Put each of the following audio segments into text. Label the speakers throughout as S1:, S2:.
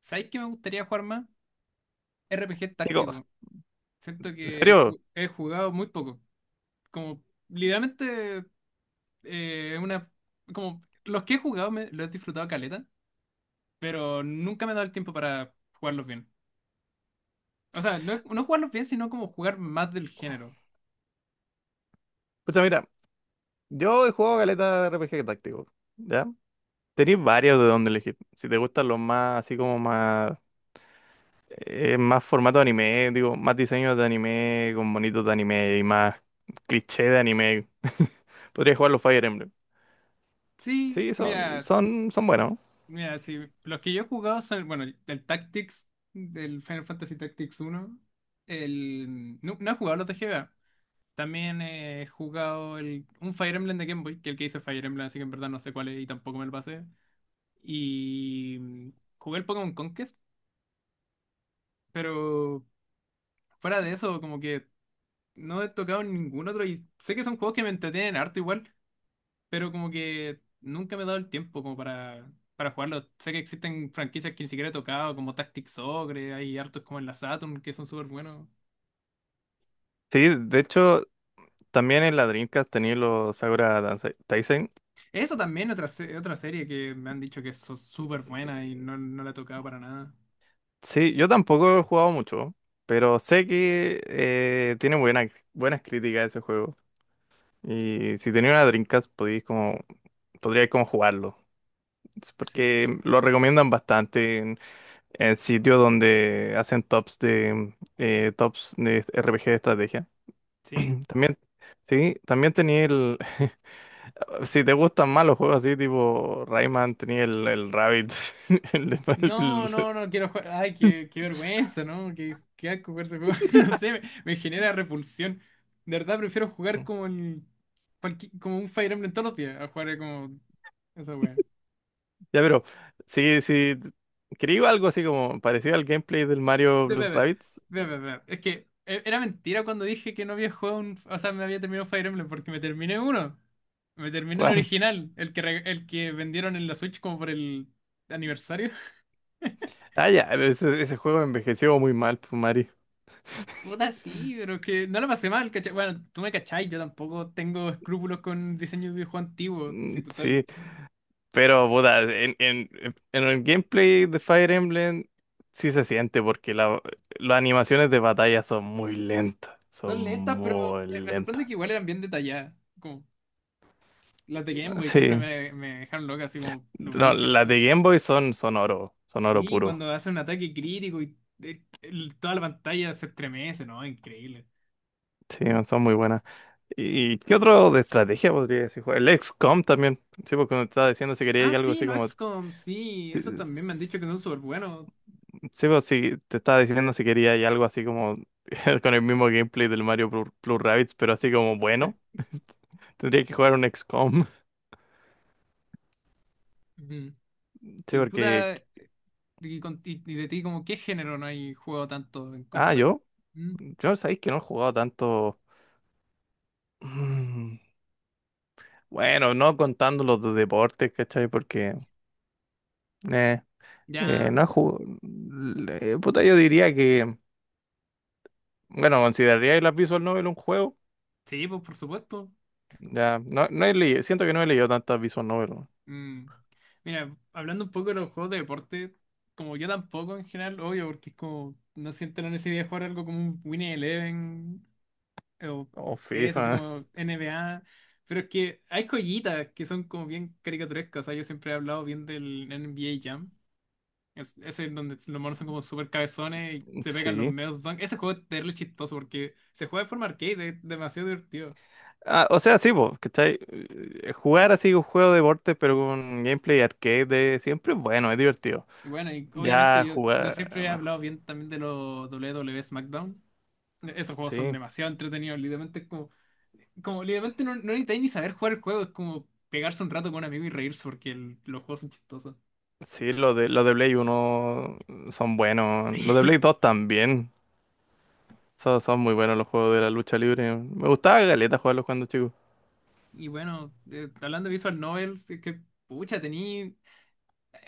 S1: ¿Sabéis que me gustaría jugar más? RPG
S2: Digo,
S1: táctico. Siento
S2: en
S1: que he,
S2: serio,
S1: ju- he jugado muy poco. Como, literalmente, una. Como, los que he jugado los he disfrutado caleta, pero nunca me he dado el tiempo para jugarlos bien. O sea, no, no jugarlos bien, sino como jugar más del género.
S2: pucha, mira, yo he jugado caleta de RPG táctico, ¿ya? Tenéis varios de donde elegir. Si te gustan los más, así como más, más formato de anime, digo, más diseños de anime, con bonitos de anime y más cliché de anime, podrías jugar los Fire Emblem.
S1: Sí,
S2: Sí, son,
S1: mira,
S2: son, son buenos.
S1: mira, sí. Los que yo he jugado son, bueno, el Tactics, del Final Fantasy Tactics uno. No, no he jugado los de GBA. También he jugado un Fire Emblem de Game Boy, que el que hice es Fire Emblem, así que en verdad no sé cuál es y tampoco me lo pasé. Y jugué el Pokémon Conquest, pero fuera de eso, como que no he tocado ningún otro. Y sé que son juegos que me entretienen harto igual, pero como que nunca me he dado el tiempo como para jugarlos. Sé que existen franquicias que ni siquiera he tocado, como Tactics Ogre, hay hartos como en la Saturn que son súper buenos.
S2: Sí, de hecho, también en la Dreamcast tenía los Sakura Taisen.
S1: Eso también, otra serie que me han dicho que es súper buena y no, no la he tocado para nada.
S2: Sí, yo tampoco he jugado mucho, pero sé que tiene buenas críticas ese juego. Y si tenía una Dreamcast, podríais como jugarlo. Es
S1: Sí.
S2: porque lo recomiendan bastante en sitios donde hacen tops de RPG de estrategia.
S1: ¿Sí?
S2: También, sí, también tenía el. Si te gustan más los juegos así, tipo Rayman, tenía el Rabbit. el de-
S1: No,
S2: el-
S1: no, no quiero jugar. Ay, qué vergüenza, ¿no? Qué asco jugar ese juego. No sé, me genera repulsión. De verdad prefiero jugar como como un Fire Emblem todos los días a jugar como esa wea.
S2: Ya, pero, sí, sí. Quería algo así como parecido al gameplay del Mario
S1: De
S2: Blues
S1: bebé,
S2: Rabbids.
S1: bebé, bebé. Es que era mentira cuando dije que no había jugado un. O sea, me había terminado Fire Emblem porque me terminé uno. Me terminé el
S2: ¿Cuál?
S1: original, el que vendieron en la Switch como por el aniversario.
S2: Ah, ya, ese juego envejeció muy mal, pues, Mario.
S1: Puta, sí, pero que no la pasé mal, ¿cachai? Bueno, tú me cachai, yo tampoco tengo escrúpulos con diseño de videojuego antiguo. Sí,
S2: Mm,
S1: total.
S2: sí, pero puta, en el gameplay de Fire Emblem sí se siente porque las animaciones de batalla son muy lentas, son
S1: Son lentas, pero
S2: muy
S1: me sorprende
S2: lentas.
S1: que igual eran bien detalladas. Como las de Game
S2: Ah,
S1: Boy siempre
S2: sí,
S1: me dejaron loca, así como los
S2: no,
S1: brígidos.
S2: las de Game Boy son oro
S1: Sí,
S2: puro.
S1: cuando hace un ataque crítico y toda la pantalla se estremece, ¿no? Increíble.
S2: Sí, son muy buenas. ¿Y qué otro de estrategia podría decir? El XCOM también, sí, porque me estaba diciendo si
S1: Ah,
S2: quería algo
S1: sí,
S2: así
S1: los
S2: como...
S1: XCOM, sí, eso también me han dicho que son súper buenos.
S2: Sí, pues sí, te estaba diciendo si quería y algo así como con el mismo gameplay del Mario Plus Rabbids, pero así como
S1: Eh,
S2: bueno, tendría que jugar un XCOM.
S1: ujú.
S2: Sí,
S1: Y
S2: porque...
S1: puta, y de ti, como, ¿qué género no hay juego tanto en
S2: Ah,
S1: comparación?
S2: yo sabéis que no he jugado tanto... Mm, bueno, no contando los de deportes, ¿cachai? Porque... Eh,
S1: Ya,
S2: no he jugado... Puta, yo diría que... Bueno, consideraría las Visual Novel un juego.
S1: sí, pues por supuesto.
S2: Ya, no he leído, siento que no he leído tantas Visual Novel.
S1: Mm. Mira, hablando un poco de los juegos de deporte, como yo tampoco en general, obvio, porque es como, no siento la necesidad de jugar algo como un Winning Eleven o
S2: O
S1: PES, así
S2: FIFA,
S1: como NBA, pero es que hay joyitas que son como bien caricaturescas, o sea, yo siempre he hablado bien del NBA Jam, ese es donde los monos son como súper cabezones y se pegan los
S2: sí.
S1: medios dunk, ese juego es terrible chistoso porque se juega de forma arcade, es demasiado divertido.
S2: Ah, o sea, sí, po, ¿cachai? Jugar así un juego de deporte, pero con gameplay arcade de siempre bueno, es divertido.
S1: Y bueno, y obviamente
S2: Ya
S1: yo
S2: jugar.
S1: siempre he
S2: No,
S1: hablado bien también de los W W WWE SmackDown. Esos juegos son
S2: sí,
S1: demasiado entretenidos, literalmente es como literalmente no, no necesitáis ni saber jugar el juego, es como pegarse un rato con un amigo y reírse porque los juegos son chistosos.
S2: sí, los de Play uno son buenos. Los de Play
S1: Sí.
S2: 2 también. Son muy buenos los juegos de la lucha libre. Me gustaba galeta jugarlos cuando chico.
S1: Y bueno, hablando de Visual Novels, es que pucha, tení.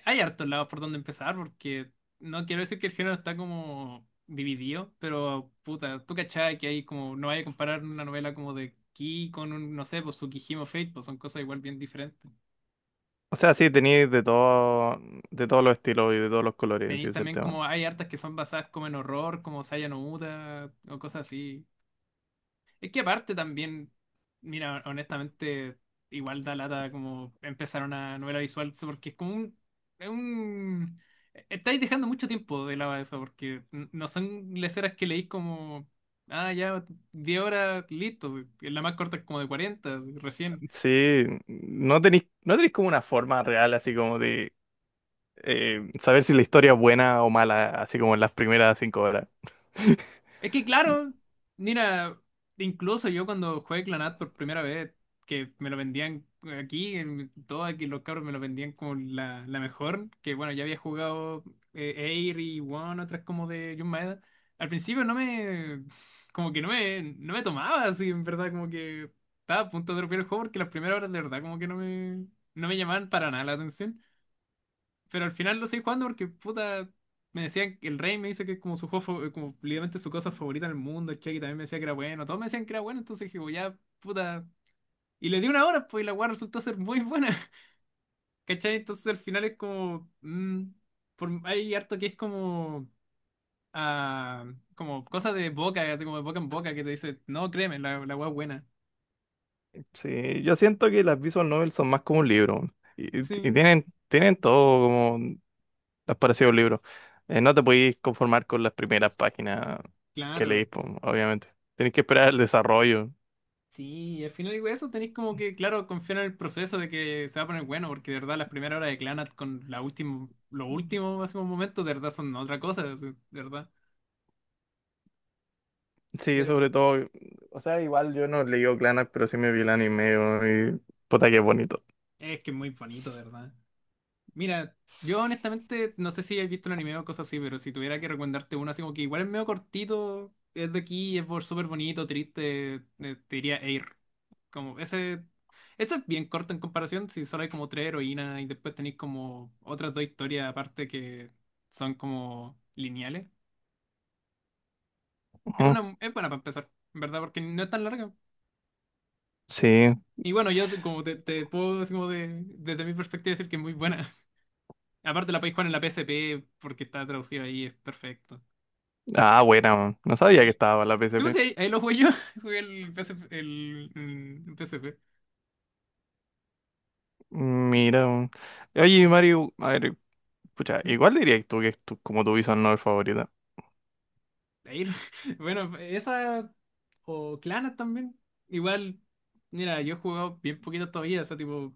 S1: Hay hartos lados por donde empezar, porque no quiero decir que el género está como dividido, pero puta, tú cachai que hay como, no vaya a comparar una novela como de Ki con un, no sé, pues Tsukihime o Fate, pues son cosas igual bien diferentes.
S2: O sea, sí, teníais de todo, de todos los estilos y de todos los colores, sí, ese
S1: Tenéis
S2: es el
S1: también
S2: tema.
S1: como, hay hartas que son basadas como en horror, como Saya no Uta, o cosas así. Es que aparte también, mira, honestamente, igual da lata como empezar una novela visual, porque es como un, es un. Estáis dejando mucho tiempo de lado eso, porque no son leceras que leís como, ah, ya, 10 horas, listo, la más corta es como de 40 recién.
S2: Sí, no tenéis como una forma real así como de saber si la historia es buena o mala, así como en las primeras 5 horas.
S1: Es que claro, mira, incluso yo cuando jugué Clanat por primera vez, que me lo vendían aquí, en todo aquí los cabros me lo vendían como la mejor, que bueno, ya había jugado Air y One, otras como de Jun Maeda. Al principio no me, como que no me, tomaba así, en verdad, como que estaba a punto de romper el juego porque las primeras horas de verdad como que no me llamaban para nada la atención. Pero al final lo seguí jugando porque, puta, me decían que el Rey me dice que es como su juego, como literalmente su cosa favorita del mundo. El Chucky también me decía que era bueno. Todos me decían que era bueno, entonces dije: "Bueno, ya, puta. Y le di una hora, pues, y la weá resultó ser muy buena". ¿Cachai? Entonces al final es como, hay harto que es como, ah, como cosa de boca, así como de boca en boca, que te dice, no, créeme, la weá es buena.
S2: Sí, yo siento que las visual novels son más como un libro. Y
S1: Sí,
S2: tienen todo como las parecido a un libro. No te podéis conformar con las primeras páginas que leís,
S1: claro.
S2: po, obviamente. Tenés que esperar el desarrollo.
S1: Sí, y al final digo eso, tenéis como que, claro, confiar en el proceso de que se va a poner bueno, porque de verdad las primeras horas de Clanat con la última, los últimos hace un momento, de verdad son otra cosa, de verdad.
S2: Sí,
S1: Pero
S2: sobre todo. O sea, igual yo no leí Clannad, pero sí me vi el anime weón, y puta que bonito.
S1: es que es muy bonito, de verdad. Mira, yo honestamente no sé si habéis visto un anime o cosas así, pero si tuviera que recomendarte uno así como que igual es medio cortito, es de aquí, es súper bonito, triste, te diría Air. Como ese, ese es bien corto en comparación, si solo hay como tres heroínas y después tenéis como otras dos historias aparte que son como lineales. Es
S2: Ujú.
S1: una, es buena para empezar, en verdad, porque no es tan larga.
S2: Sí.
S1: Y bueno, yo te puedo así como desde mi perspectiva decir que es muy buena. Aparte la podéis jugar en la PSP porque está traducida ahí, es perfecto.
S2: Ah, buena, weón. No
S1: Sí.
S2: sabía que estaba la
S1: Sí, pues,
S2: PSP.
S1: ahí lo jugué yo, jugué el PSP, el PSP.
S2: Mira, oye Mario, a ver, pucha, igual diría tú que es como tu visual novel favorita.
S1: Ir- Bueno, esa o Clanas también. Igual, mira, yo he jugado bien poquito todavía, o sea, tipo,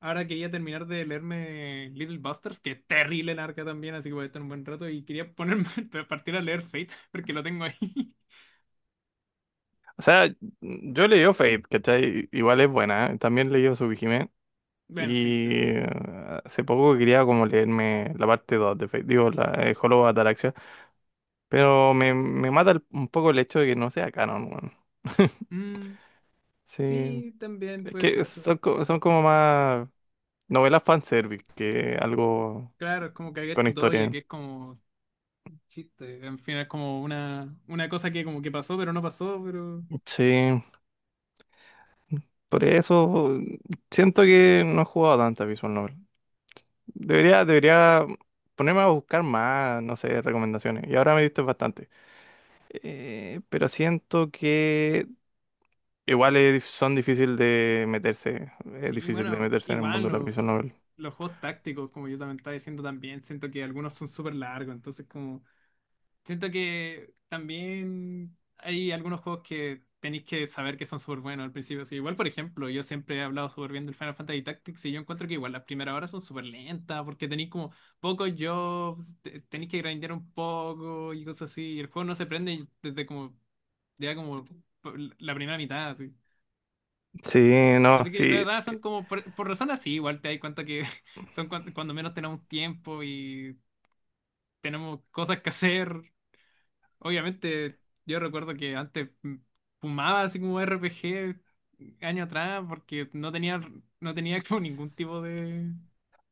S1: ahora quería terminar de leerme Little Busters, que es terrible larga también, así que voy a estar un buen rato y quería ponerme a partir a leer Fate, porque lo tengo ahí.
S2: O sea, yo leí Fate, ¿cachai? Igual es buena, ¿eh? También leí Tsukihime
S1: Bueno, sí.
S2: y eh, hace poco quería como leerme la parte 2 de Fate, digo, la Hollow Ataraxia, pero me mata un poco el hecho de que no sea canon, weón.
S1: Mm,
S2: Sí,
S1: sí, también
S2: es
S1: puede
S2: que
S1: ser eso.
S2: son como más novelas fanservice que algo
S1: Claro, es como
S2: con
S1: Kagetsu Toya,
S2: historia.
S1: que es como chiste, en fin, es como una cosa que como que pasó, pero no pasó. Pero
S2: Sí. Por eso siento que no he jugado tantas Visual Novel. Debería ponerme a buscar más, no sé, recomendaciones. Y ahora me diste bastante. Pero siento que igual es son difíciles de meterse. Es
S1: sí,
S2: difícil de
S1: bueno,
S2: meterse en el
S1: igual
S2: mundo de las
S1: los,
S2: Visual Novel.
S1: los juegos tácticos, como yo también estaba diciendo también, siento que algunos son súper largos, entonces como siento que también hay algunos juegos que tenéis que saber que son súper buenos al principio. Así, igual, por ejemplo, yo siempre he hablado súper bien del Final Fantasy Tactics y yo encuentro que igual las primeras horas son súper lentas porque tenéis como pocos jobs, tenéis que grindear un poco y cosas así, y el juego no se prende desde como ya como la primera mitad.
S2: Sí, no,
S1: Así que de
S2: sí.
S1: verdad son como, por razones así, igual te das cuenta que son cuando, menos tenemos tiempo y tenemos cosas que hacer. Obviamente, yo recuerdo que antes fumaba así como RPG años atrás porque no tenía, no tenía como ningún tipo de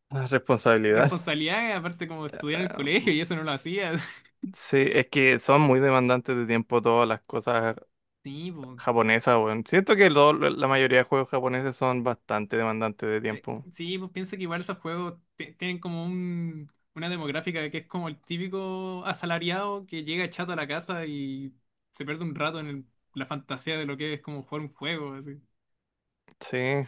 S2: Más responsabilidad.
S1: responsabilidad, aparte como estudiar en el colegio y eso no lo hacía.
S2: Sí, es que son muy demandantes de tiempo todas las cosas
S1: Sí, pues.
S2: japonesas, weón. Siento que la mayoría de juegos japoneses son bastante demandantes de
S1: Eh,
S2: tiempo.
S1: sí, pues piensa que igual esos juegos tienen como una demográfica que es como el típico asalariado que llega chato a la casa y se pierde un rato en la fantasía de lo que es como jugar un juego, así.
S2: Sí.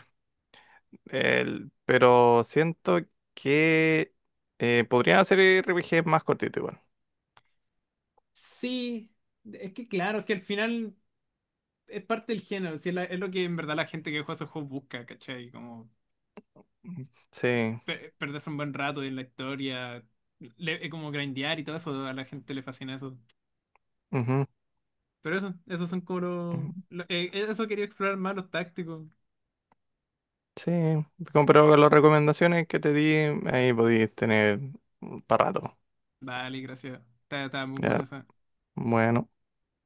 S2: Pero siento que podrían hacer RPGs más cortitos igual.
S1: Sí, es que claro, es que al final es parte del género, sí, es lo que en verdad la gente que juega esos juegos busca, ¿cachai? Como
S2: Mm, sí.
S1: perderse un buen rato en la historia, como grindear y todo eso, a la gente le fascina eso.
S2: Ujú,
S1: Pero eso, esos son como los.
S2: ujú.
S1: Eso quería explorar más los tácticos.
S2: Sí. Pero con las recomendaciones que te di, ahí podéis tener para rato.
S1: Vale, gracias. Está muy buena
S2: Ya.
S1: esa.
S2: Bueno.